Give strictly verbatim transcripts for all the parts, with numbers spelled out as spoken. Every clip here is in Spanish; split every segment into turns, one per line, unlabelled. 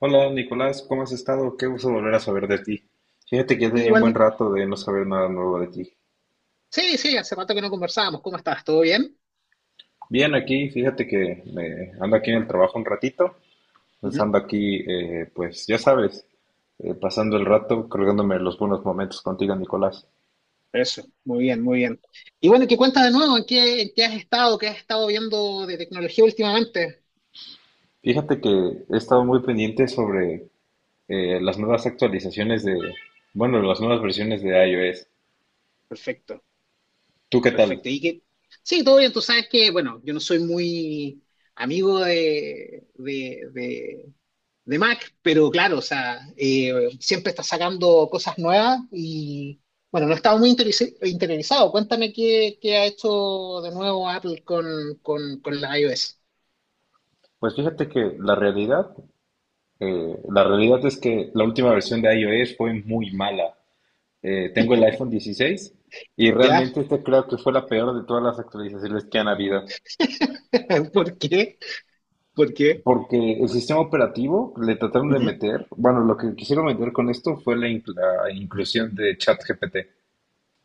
Hola Nicolás, ¿cómo has estado? Qué gusto volver a saber de ti. Fíjate que ya
Sí,
tenía un buen
igual,
rato de no saber nada nuevo de ti.
sí, sí, hace rato que no conversábamos. ¿Cómo estás? ¿Todo bien?
Bien, aquí, fíjate que eh, ando aquí en el trabajo un ratito, pues
Ujú.
ando aquí, eh, pues ya sabes, eh, pasando el rato, colgándome los buenos momentos contigo, Nicolás.
Eso, muy bien, muy bien. Y bueno, ¿qué cuentas de nuevo? ¿En qué, en qué has estado? ¿Qué has estado viendo de tecnología últimamente?
Fíjate que he estado muy pendiente sobre eh, las nuevas actualizaciones de, bueno, las nuevas versiones de iOS.
Perfecto,
¿Tú qué tal?
perfecto. Y que, sí, todo bien. Tú sabes que, bueno, yo no soy muy amigo de, de, de, de Mac, pero claro, o sea, eh, siempre está sacando cosas nuevas y, bueno, no estaba muy interesi- interiorizado. Cuéntame qué, qué ha hecho de nuevo Apple con, con, con la iOS.
Pues fíjate que la realidad, eh, la realidad es que la última versión de iOS fue muy mala. Eh, tengo el iPhone dieciséis y
¿Ya?
realmente este creo que fue la peor de todas las actualizaciones que han habido,
¿Por qué? ¿Por qué?
porque el sistema operativo le trataron de
Ujú.
meter, bueno, lo que quisieron meter con esto fue la, inclu- la inclusión de ChatGPT,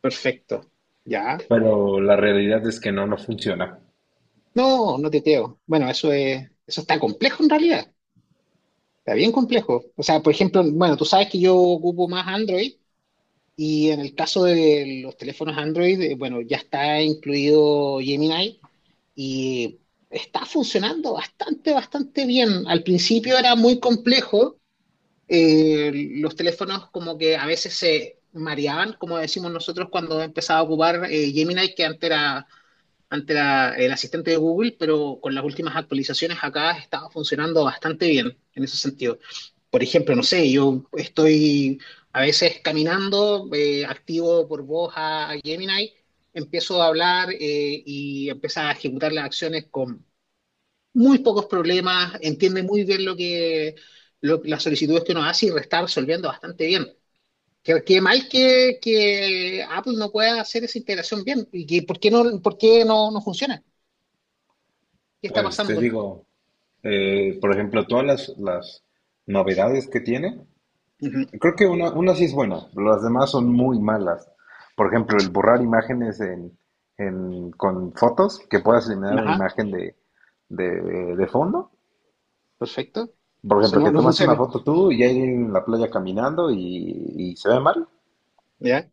Perfecto. ¿Ya?
pero la realidad es que no, no funciona.
No, no te creo. Bueno, eso es, eso está complejo en realidad. Está bien complejo. O sea, por ejemplo, bueno, tú sabes que yo ocupo más Android y en el caso de los teléfonos Android, eh, bueno, ya está incluido Gemini y está funcionando bastante, bastante bien. Al principio era muy complejo eh, los teléfonos como que a veces se mareaban, como decimos nosotros cuando empezaba a ocupar eh, Gemini, que antes era, antes era el asistente de Google, pero con las últimas actualizaciones acá estaba funcionando bastante bien en ese sentido. Por ejemplo, no sé, yo estoy a veces caminando, eh, activo por voz a, a Gemini, empiezo a hablar eh, y empieza a ejecutar las acciones con muy pocos problemas, entiende muy bien lo que lo- las solicitudes que uno hace y lo está resolviendo bastante bien. Qué, qué mal que, que Apple no pueda hacer esa integración bien y que por qué no, por qué no, no funciona. ¿Qué está
Pues te
pasando?
digo, eh, por ejemplo, todas las, las novedades que tiene.
Ujú.
Creo que una, una sí es buena, las demás son muy malas. Por ejemplo, el borrar imágenes en, en- con fotos, que puedas eliminar una
Ajá,
imagen de, de, de fondo.
perfecto.
Por
Eso
ejemplo,
no,
que
no
tomaste una
funciona.
foto tú y hay alguien en la playa caminando y, y se ve mal.
¿Ya?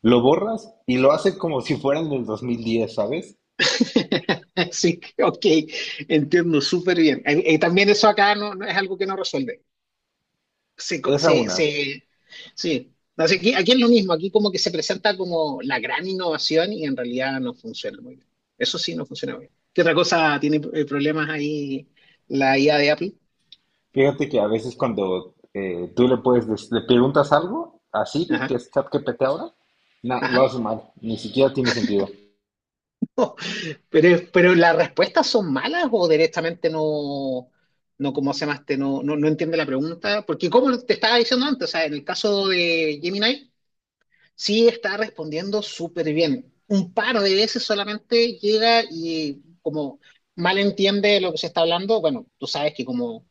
Lo borras y lo hace como si fuera en el dos mil diez, ¿sabes?
Sí, ok, entiendo súper bien. Eh, eh, también eso acá no, no es algo que no resuelve. Se, co-
Esa
se,
una.
se- Sí. No sé, aquí, aquí es lo mismo, aquí como que se presenta como la gran innovación y en realidad no funciona muy bien. Eso sí, no funciona muy bien. ¿Qué otra cosa tiene eh, problemas ahí la I A de Apple?
Fíjate que a veces cuando eh, tú le puedes, des- le preguntas algo a Siri, que
Ajá,
es ChatGPT ahora, no, lo
ajá.
hace mal, ni siquiera tiene sentido.
pero, pero las respuestas son malas o directamente no, no ¿cómo se llama este? No, no, no entiende la pregunta. Porque como te estaba diciendo antes, o sea, en el caso de Gemini, sí, está respondiendo súper bien. Un par de veces solamente llega y como mal entiende lo que se está hablando. Bueno, tú sabes que como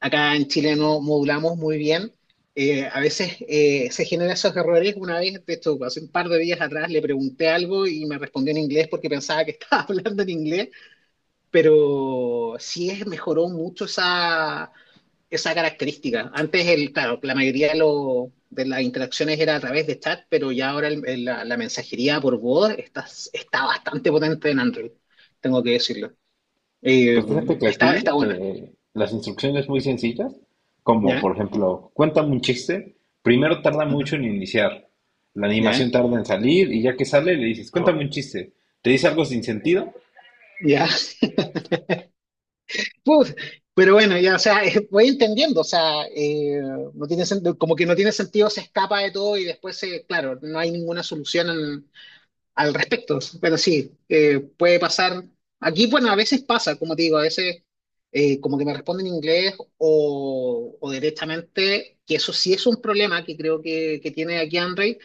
acá en Chile no modulamos muy bien, eh, a veces eh, se generan esos errores. Una vez, de hecho, hace un par de días atrás le pregunté algo y me respondió en inglés porque pensaba que estaba hablando en inglés, pero sí es, mejoró mucho esa esa característica. Antes, el, claro, la mayoría de, lo- de las interacciones era a través de chat, pero ya ahora el- el- la, la mensajería por voz está, está bastante potente en Android, tengo que decirlo. Eh,
Pues fíjate que
está, está
aquí
buena.
eh, las instrucciones muy sencillas, como
¿Ya?
por ejemplo, cuéntame un chiste, primero tarda
Ujú.
mucho en iniciar, la
¿Ya?
animación tarda en salir y ya que sale le dices,
Oh,
cuéntame un chiste, te dice algo sin sentido.
ya. Puf, pero bueno, ya, o sea, voy entendiendo. O sea, eh, no tiene sen- como que no tiene sentido, se escapa de todo y después, se, claro, no hay ninguna solución al respecto. Pero sí, eh, puede pasar. Aquí, bueno, a veces pasa, como te digo, a veces eh, como que me responden en inglés o, o directamente, que eso sí es un problema que creo que, que tiene aquí Android,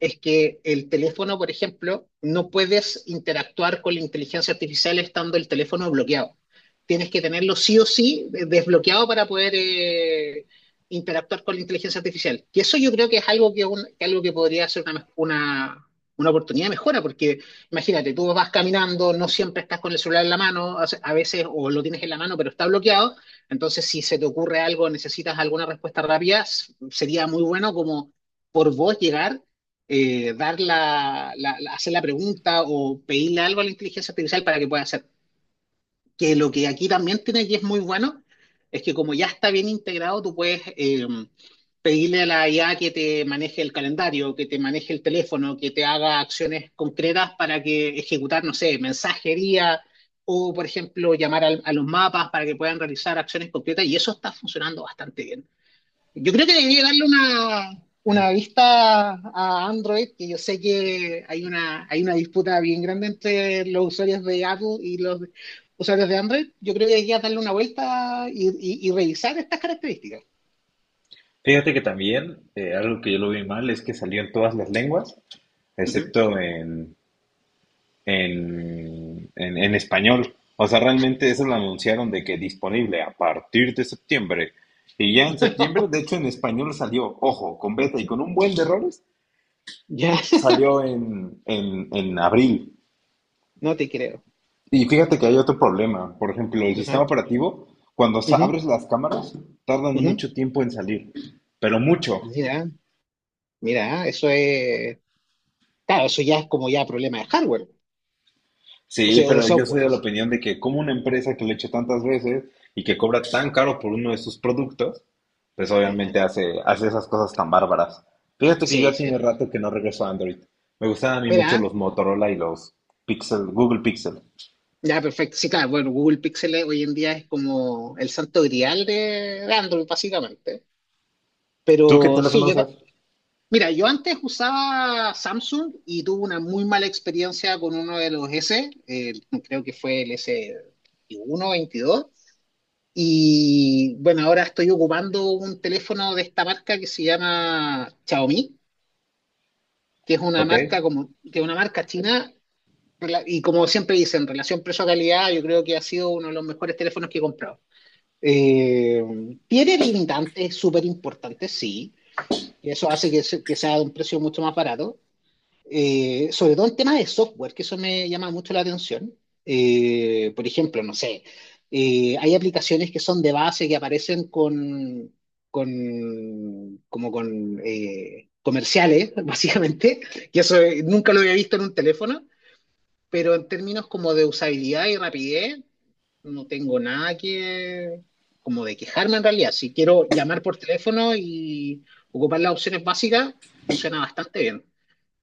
es que el teléfono, por ejemplo, no puedes interactuar con la inteligencia artificial estando el teléfono bloqueado. Tienes que tenerlo sí o sí eh, desbloqueado para poder eh, interactuar con la inteligencia artificial. Y eso yo creo que es algo que, un- que algo que podría ser una, mej- una, una oportunidad de mejora, porque imagínate, tú vas caminando, no siempre estás con el celular en la mano, a veces o lo tienes en la mano pero está bloqueado, entonces si se te ocurre algo, necesitas alguna respuesta rápida, s- sería muy bueno como por vos llegar, eh, dar la, la- la- hacer la pregunta o pedirle algo a la inteligencia artificial para que pueda hacer que lo que aquí también tiene y es muy bueno es que como ya está bien integrado, tú puedes eh, pedirle a la I A que te maneje el calendario, que te maneje el teléfono, que te haga acciones concretas para que ejecutar, no sé, mensajería o, por ejemplo, llamar al- a los mapas para que puedan realizar acciones concretas y eso está funcionando bastante bien. Yo creo que debería darle una, una vista a Android, que yo sé que hay una, hay una disputa bien grande entre los usuarios de Apple y los usuarios de Android. Yo creo que debería darle una vuelta y, y- y revisar estas características.
Fíjate que también eh, algo que yo lo vi mal es que salió en todas las lenguas,
Ujú.
excepto en, en, en, en español. O sea, realmente eso lo anunciaron de que disponible a partir de septiembre. Y ya en septiembre, de hecho en español salió, ojo, con beta y con un buen de errores
Ya.
salió en, en, en abril.
No te creo.
Y fíjate que hay otro problema. Por ejemplo, el sistema
Ajá,
operativo, cuando sa-
ujú,
abres las cámaras, tardan
ujú.
mucho tiempo en salir. Pero mucho.
Mira, mira, eso es, claro, eso ya es como ya problema de hardware, o
Sí,
sea, o de
pero yo soy
software.
de la opinión de que como una empresa que lo he hecho tantas veces y que cobra tan caro por uno de sus productos, pues
Ujú.
obviamente hace, hace esas cosas tan bárbaras. Fíjate que yo
Sí,
ya
sí.
tiene rato que no regreso a Android. Me gustan a mí mucho
Mira,
los Motorola y los Pixel, Google Pixel.
ya, perfecto. Sí, claro, bueno, Google Pixel eh, hoy en día es como el santo grial de, de Android, básicamente.
¿Tú qué
Pero sí,
teléfono
yo,
usas?
ta- mira, yo antes usaba Samsung y tuve una muy mala experiencia con uno de los S, eh, creo que fue el S veintiuno, veintidós. Y bueno, ahora estoy ocupando un teléfono de esta marca que se llama Xiaomi, que es una
¿Ok?
marca como, que es una marca china. rela- Y como siempre dicen, relación precio-calidad, yo creo que ha sido uno de los mejores teléfonos que he comprado. Eh, tiene limitantes súper importantes, sí, y eso hace que, se- que sea de un precio mucho más barato. Eh, sobre todo en temas de software, que eso me llama mucho la atención. Eh, por ejemplo, no sé, eh, hay aplicaciones que son de base que aparecen con, con como con eh, comerciales, básicamente, y eso eh, nunca lo había visto en un teléfono, pero en términos como de usabilidad y rapidez, no tengo nada que, como de quejarme en realidad. Si quiero llamar por teléfono y ocupar las opciones básicas, funciona bastante bien.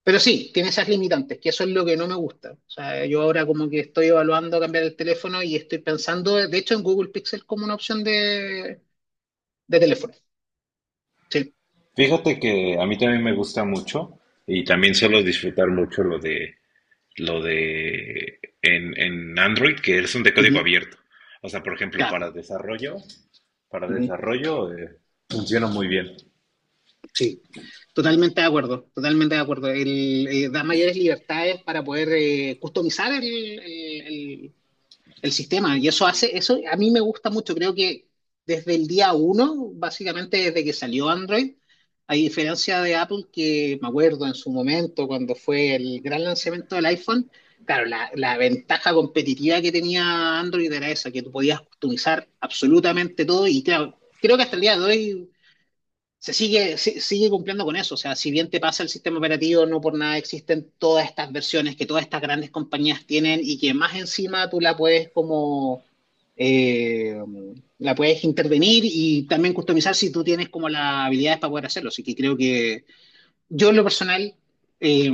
Pero sí, tiene esas limitantes, que eso es lo que no me gusta. O sea, yo ahora como que estoy evaluando cambiar el teléfono y estoy pensando, de hecho, en Google Pixel como una opción de, de teléfono. Sí,
Fíjate que a mí también me gusta mucho y también suelo disfrutar mucho lo de lo de en, en Android que es un de código
ujú.
abierto. O sea, por ejemplo,
Claro.
para desarrollo, para
Ujú.
desarrollo eh, funciona muy bien.
Sí, totalmente de acuerdo, totalmente de acuerdo. El, eh, da mayores libertades para poder eh, customizar el, el- el- el sistema. Y eso hace, eso a mí me gusta mucho. Creo que desde el día uno, básicamente desde que salió Android, a diferencia de Apple, que me acuerdo en su momento cuando fue el gran lanzamiento del iPhone, claro, la, la ventaja competitiva que tenía Android era esa, que tú podías customizar absolutamente todo y claro, creo que hasta el día de hoy se sigue, si- sigue cumpliendo con eso. O sea, si bien te pasa el sistema operativo, no por nada existen todas estas versiones que todas estas grandes compañías tienen y que más encima tú la puedes como, eh, la puedes intervenir y también customizar si tú tienes como las habilidades para poder hacerlo. Así que creo que yo en lo personal eh,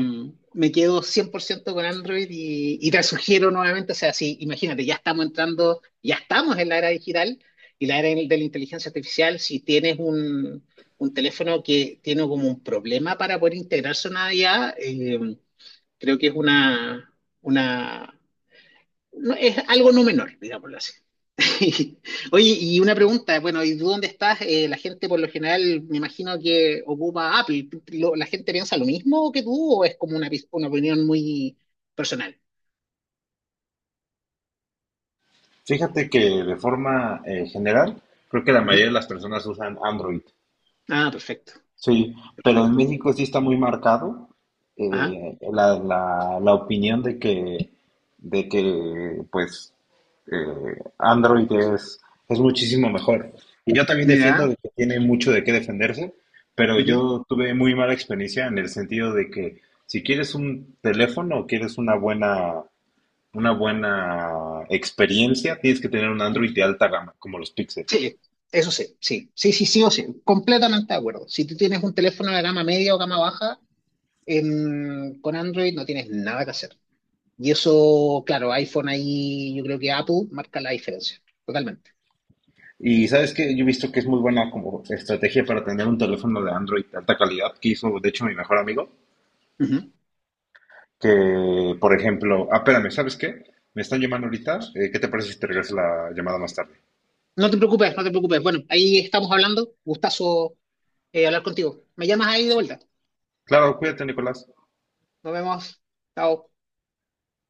me quedo cien por ciento con Android y, y te sugiero nuevamente. O sea, si imagínate, ya estamos entrando, ya estamos en la era digital y la era de la inteligencia artificial, si tienes un, un teléfono que tiene como un problema para poder integrarse a una I A, eh, creo que es una, una no- es algo no menor, digámoslo así. Oye, y una pregunta, bueno, ¿y tú dónde estás? Eh, la gente por lo general, me imagino que ocupa Apple. ¿Tú- lo- ¿La gente piensa lo mismo que tú o es como una, pis- una opinión muy personal?
Fíjate que de forma eh, general, creo que la mayoría
Ujú.
de las personas usan Android.
Ah, perfecto,
Sí, pero en
perfecto.
México sí está muy marcado
Ajá,
eh, la, la, la opinión de que, de que pues, eh, Android es, es muchísimo mejor. Y yo también defiendo
mira.
de que tiene mucho de qué defenderse, pero
Ujú.
yo tuve muy mala experiencia en el sentido de que si quieres un teléfono o quieres una buena, una buena experiencia, tienes que tener un Android de alta gama, como los Pixel.
Sí, eso sí, sí, sí, sí, sí o sí, completamente de acuerdo. Si tú tienes un teléfono de gama media o gama baja, em, con Android no tienes nada que hacer. Y eso, claro, iPhone ahí, yo creo que Apple marca la diferencia, totalmente.
Y sabes que yo he visto que es muy buena como estrategia para tener un teléfono de Android de alta calidad, que hizo de hecho mi mejor amigo,
Ujú.
que por ejemplo, ah, espérame, ¿sabes qué? Me están llamando ahorita, eh, ¿qué te parece si te regreso la llamada más tarde?
No te preocupes, no te preocupes. Bueno, ahí estamos hablando. Gustazo eh, hablar contigo. Me llamas ahí de vuelta.
Claro, cuídate, Nicolás.
Nos vemos. Chao.